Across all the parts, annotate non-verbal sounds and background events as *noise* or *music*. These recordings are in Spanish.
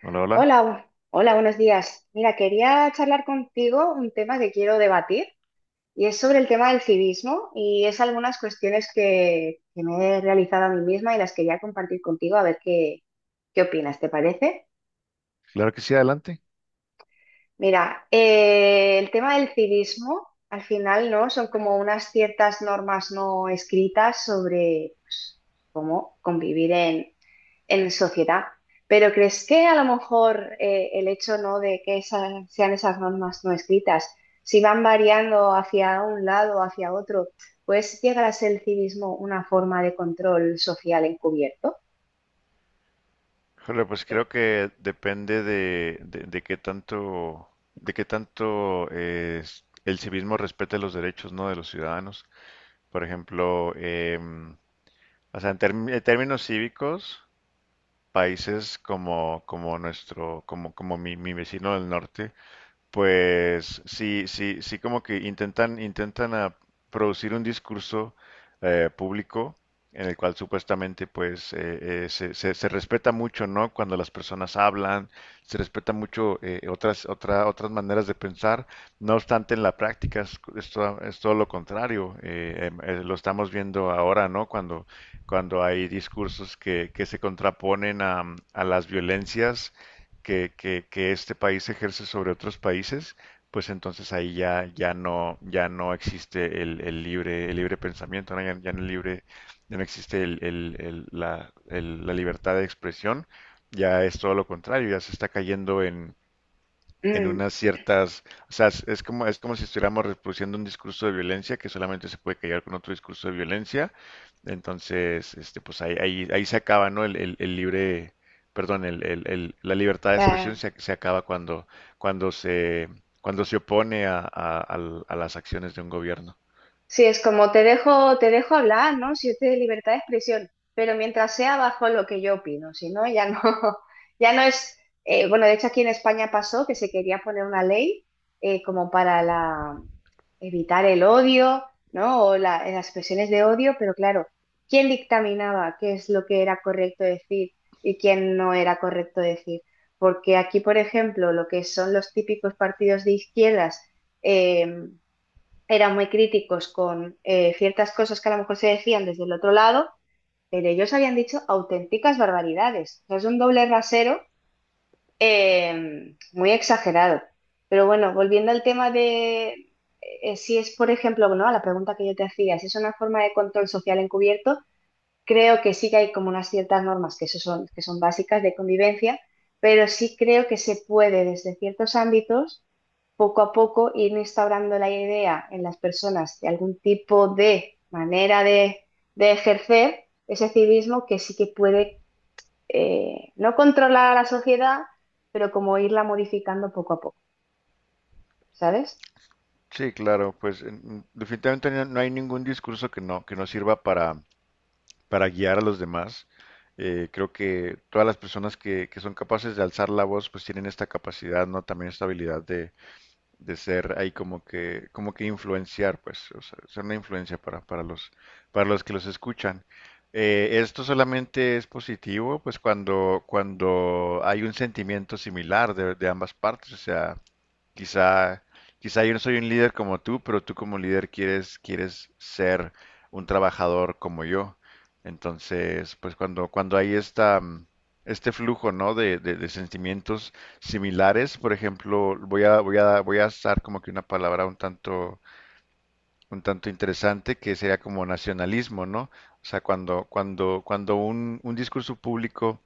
Hola, hola. Hola, bu- hola, buenos días. Mira, quería charlar contigo un tema que quiero debatir y es sobre el tema del civismo y es algunas cuestiones que me he realizado a mí misma y las quería compartir contigo a ver qué opinas, ¿te parece? Claro que sí, adelante. Mira, el tema del civismo al final, ¿no? Son como unas ciertas normas no escritas sobre pues, cómo convivir en sociedad. Pero ¿crees que a lo mejor el hecho no de que sean esas normas no escritas, si van variando hacia un lado o hacia otro, pues llegar a ser el civismo una forma de control social encubierto? Híjole, pues Que, creo que depende de, de qué tanto, de qué tanto el civismo respete los derechos, ¿no? De los ciudadanos. Por ejemplo, o sea, en, en términos cívicos, países como, como nuestro, como, como mi vecino del norte, pues sí, sí, sí, como que intentan, intentan producir un discurso público en el cual supuestamente pues se, se respeta mucho, ¿no? Cuando las personas hablan, se respeta mucho otras, otras maneras de pensar. No obstante, en la práctica es todo lo contrario. Lo estamos viendo ahora, ¿no? Cuando, cuando hay discursos que se contraponen a las violencias que, que este país ejerce sobre otros países, pues entonces ahí ya, ya no, ya no existe el libre pensamiento, ¿no? Ya, ya no libre, ya no existe el, la, la libertad de expresión, ya es todo lo contrario, ya se está cayendo en mm, unas ciertas, o sea, es como si estuviéramos reproduciendo un discurso de violencia que solamente se puede callar con otro discurso de violencia. Entonces, este, pues ahí, ahí, ahí se acaba, ¿no? El, el libre, perdón, la libertad de expresión se, se acaba cuando, cuando se, cuando se opone a, a las acciones de un gobierno. Sí, es como te dejo hablar, ¿no? Si usted es libertad de expresión, pero mientras sea bajo lo que yo opino, si no, ya no, *laughs* ya no es, bueno, de hecho aquí en España pasó que se quería poner una ley como para evitar el odio, ¿no? O las expresiones de odio, pero claro, ¿quién dictaminaba qué es lo que era correcto decir y quién no era correcto decir? Porque aquí, por ejemplo, lo que son los típicos partidos de izquierdas, em, eran muy críticos con ciertas cosas que a lo mejor se decían desde el otro lado, pero ellos habían dicho auténticas barbaridades. O sea, es un doble rasero muy exagerado. Pero bueno, volviendo al tema de si es, por ejemplo, ¿no? A la pregunta que yo te hacía, si es una forma de control social encubierto, creo que sí que hay como unas ciertas normas que, eso son, que son básicas de convivencia, pero sí creo que se puede desde ciertos ámbitos poco a poco ir instaurando la idea en las personas de algún tipo de manera de ejercer ese civismo que sí que puede no controlar a la sociedad, pero como irla modificando poco a poco, ¿sabes? Sí, claro, pues definitivamente no hay ningún discurso que no sirva para guiar a los demás. Creo que todas las personas que son capaces de alzar la voz, pues tienen esta capacidad, ¿no? También esta habilidad de ser ahí como que influenciar, pues, o sea, ser una influencia para los que los escuchan. Esto solamente es positivo, pues, cuando, cuando hay un sentimiento similar de ambas partes, o sea, quizá, quizá yo no soy un líder como tú, pero tú como líder quieres, quieres ser un trabajador como yo. Entonces, pues cuando, cuando hay esta, este flujo, ¿no? De, de sentimientos similares. Por ejemplo, voy a, voy a, voy a usar como que una palabra un tanto interesante que sería como nacionalismo, ¿no? O sea, cuando, cuando, cuando un discurso público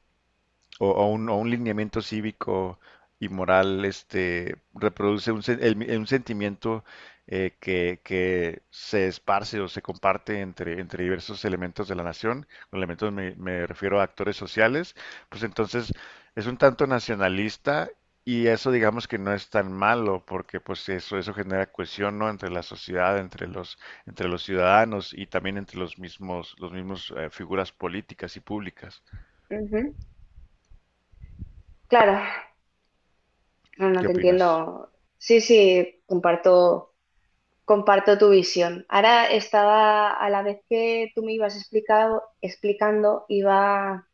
o un lineamiento cívico y moral, este, reproduce un, un sentimiento que se esparce o se comparte entre, entre diversos elementos de la nación. Con elementos me, me refiero a actores sociales, pues entonces es un tanto nacionalista y eso digamos que no es tan malo porque pues eso genera cohesión, ¿no? Entre la sociedad, entre los ciudadanos y también entre los mismos figuras políticas y públicas. Ujú. Claro, no, no ¿Qué te opinas? entiendo. Sí, sí, comparto tu visión. Ahora estaba, a la vez que tú me ibas explicando, iba,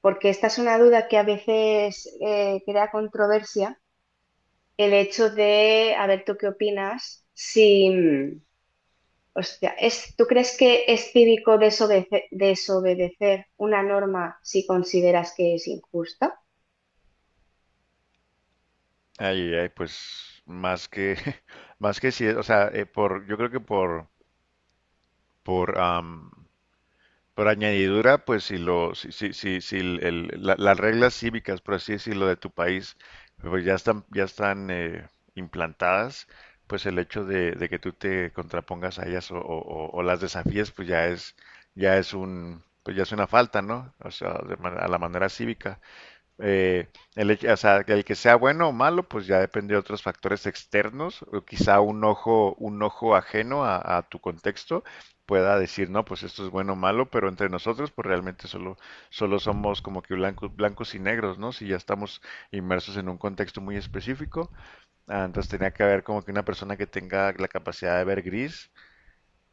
porque esta es una duda que a veces crea controversia, el hecho de, a ver, ¿tú qué opinas? Si, mm, hostia, es, ¿tú crees que es cívico desobedecer una norma si consideras que es injusta? Ay, ay, pues más que, *laughs* más que si, o sea, yo creo que por, por, am, por añadidura, pues si lo, si, si, si, si las reglas cívicas, por así decirlo, de tu país, pues ya están implantadas, pues el hecho de que tú te contrapongas a ellas o, o las desafíes, pues ya es un, pues ya es una falta, ¿no? O sea, de a la manera cívica. Eh, el, o sea, el que sea bueno o malo, pues ya depende de otros factores externos, o quizá un ojo ajeno a tu contexto pueda decir, no, pues esto es bueno o malo, pero entre nosotros, pues realmente solo, solo somos como que blancos, blancos y negros, ¿no? Si ya estamos inmersos en un contexto muy específico, ah, entonces tenía que haber como que una persona que tenga la capacidad de ver gris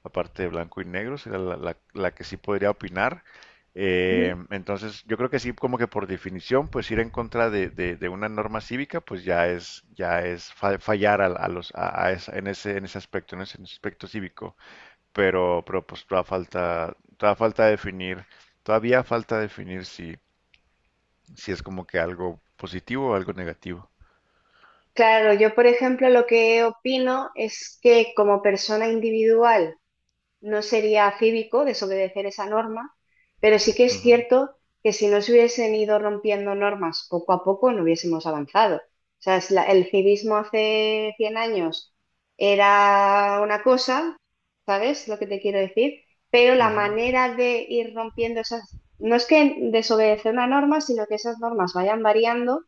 la parte de blanco y negro, será la, la que sí podría opinar. Ujú. Entonces, yo creo que sí, como que por definición, pues ir en contra de, de una norma cívica, pues ya es fallar a los, a en ese aspecto cívico. Pero pues todavía falta definir si, si es como que algo positivo o algo negativo. Claro, yo por ejemplo lo que opino es que como persona individual, no sería cívico desobedecer esa norma, pero sí que es cierto que si no se hubiesen ido rompiendo normas poco a poco, no hubiésemos avanzado. O sea, es el civismo hace 100 años era una cosa, ¿sabes lo que te quiero decir? Pero Ujú, la ujú. manera de ir rompiendo esas, no es que desobedecer una norma, sino que esas normas vayan variando,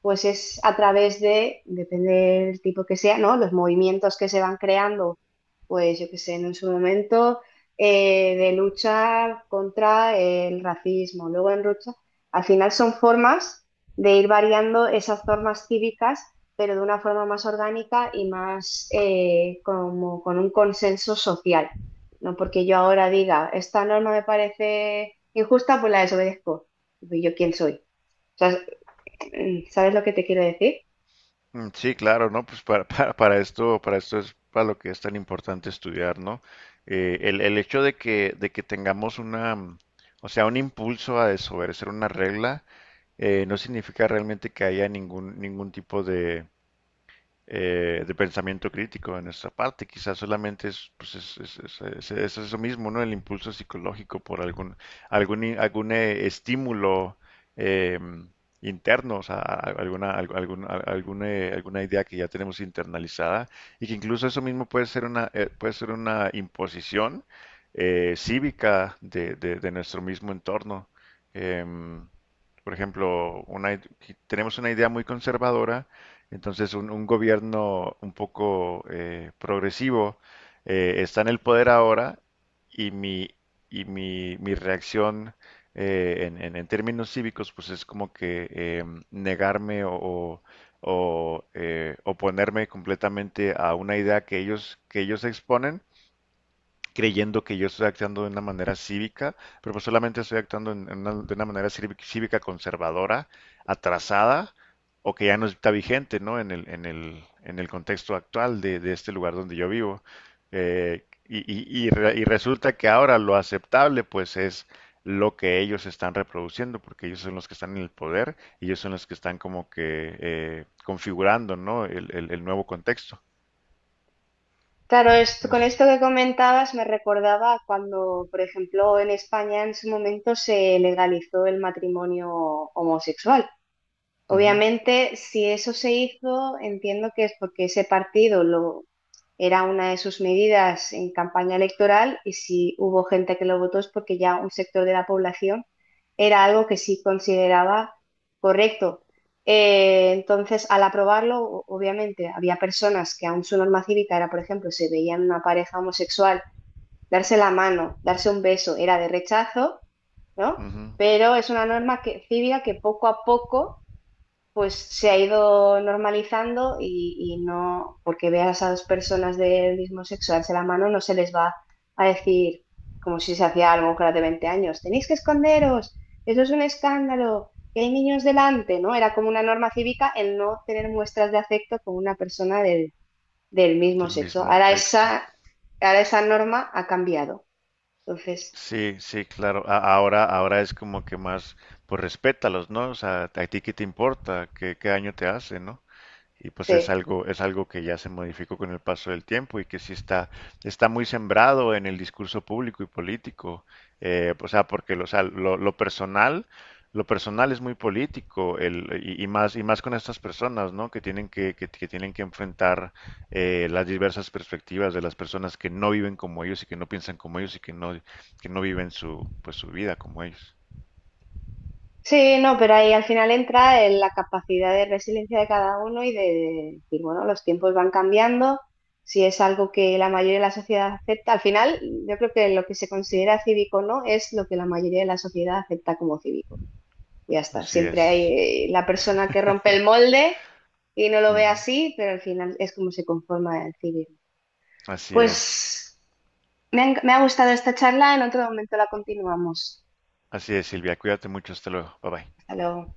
pues es a través de, depende del tipo que sea, ¿no? Los movimientos que se van creando, pues yo qué sé, en su momento, de luchar contra el racismo, luego en lucha, al final son formas de ir variando esas formas cívicas, pero de una forma más orgánica y más como con un consenso social, ¿no? Porque yo ahora diga, esta norma me parece injusta, pues la desobedezco. ¿Y yo quién soy? O sea, mm, ¿sabes lo que te quiero decir? Mm, sí, claro, ¿no? Pues para, *laughs* para esto es para lo que es tan importante estudiar, ¿no? El hecho de que tengamos una, o sea, un impulso a desobedecer una regla, no significa realmente que haya ningún, ningún tipo de pensamiento crítico de nuestra parte. Quizás solamente es, pues es, es eso mismo, ¿no? El impulso psicológico por algún, algún, algún estímulo eh, interno, o sea, alguna, algún, alguna idea que ya tenemos internalizada y que incluso eso mismo puede ser una imposición cívica de, de nuestro mismo entorno. Em, por ejemplo, una, tenemos una idea muy conservadora. Entonces, un gobierno un poco progresivo está en el poder ahora y mi, y mi, mi reacción en, en términos cívicos, pues es como que negarme o, oponerme completamente a una idea que ellos exponen creyendo que yo estoy actuando de una manera cívica, pero pues solamente estoy actuando en de una manera cívica cívica conservadora, atrasada, o que ya no está vigente, ¿no? En el, en el, en el contexto actual de este lugar donde yo vivo. Y, y y resulta que ahora lo aceptable, pues, es lo que ellos están reproduciendo, porque ellos son los que están en el poder y ellos son los que están como que configurando, ¿no? El, el nuevo contexto. Claro, No con sé. esto que comentabas me recordaba a cuando, por ejemplo, en España en su momento se legalizó el matrimonio homosexual. Ujú, Obviamente, si eso se hizo, entiendo que es porque ese partido lo era una de sus medidas en campaña electoral, y si hubo gente que lo votó es porque ya un sector de la población era algo que sí consideraba correcto. Entonces, al aprobarlo, obviamente, había personas que aún su norma cívica era, por ejemplo, se veían una pareja homosexual, darse la mano, darse un beso, era de rechazo, ¿no? ujú, Pero es una norma que, cívica, que poco a poco pues se ha ido normalizando, y no, porque veas a dos personas del mismo sexo darse la mano, no se les va a decir como si se hacía algo con las de 20 años, tenéis que esconderos, eso es un escándalo, que hay niños delante, ¿no? Era como una norma cívica el no tener muestras de afecto con una persona del, del mismo del sexo. mismo sexo. Ahora esa norma ha cambiado. Entonces, Sí, sí, claro. Ahora, ahora es como que más, pues respétalos, ¿no? O sea, a ti qué te importa, qué, qué daño te hace, ¿no? Y pues sí. Es algo que ya se modificó con el paso del tiempo y que sí está, está muy sembrado en el discurso público y político. O sea, porque lo, o sea, lo personal es muy político, el, y más con estas personas, ¿no? Que tienen que, que tienen que enfrentar las diversas perspectivas de las personas que no viven como ellos y que no piensan como ellos y que no viven su, pues su vida como ellos. Sí, no, pero ahí al final entra en la capacidad de resiliencia de cada uno y de decir, bueno, los tiempos van cambiando, si es algo que la mayoría de la sociedad acepta, al final yo creo que lo que se considera cívico o no es lo que la mayoría de la sociedad acepta como cívico. Ya está, Así siempre es. hay la persona que rompe el molde y no lo ve Ujú. así, pero al final es como se conforma el cívico. Así es. Pues me ha gustado esta charla, en otro momento la continuamos. Así es, Silvia. Cuídate mucho. Hasta luego. Bye bye. Hasta luego.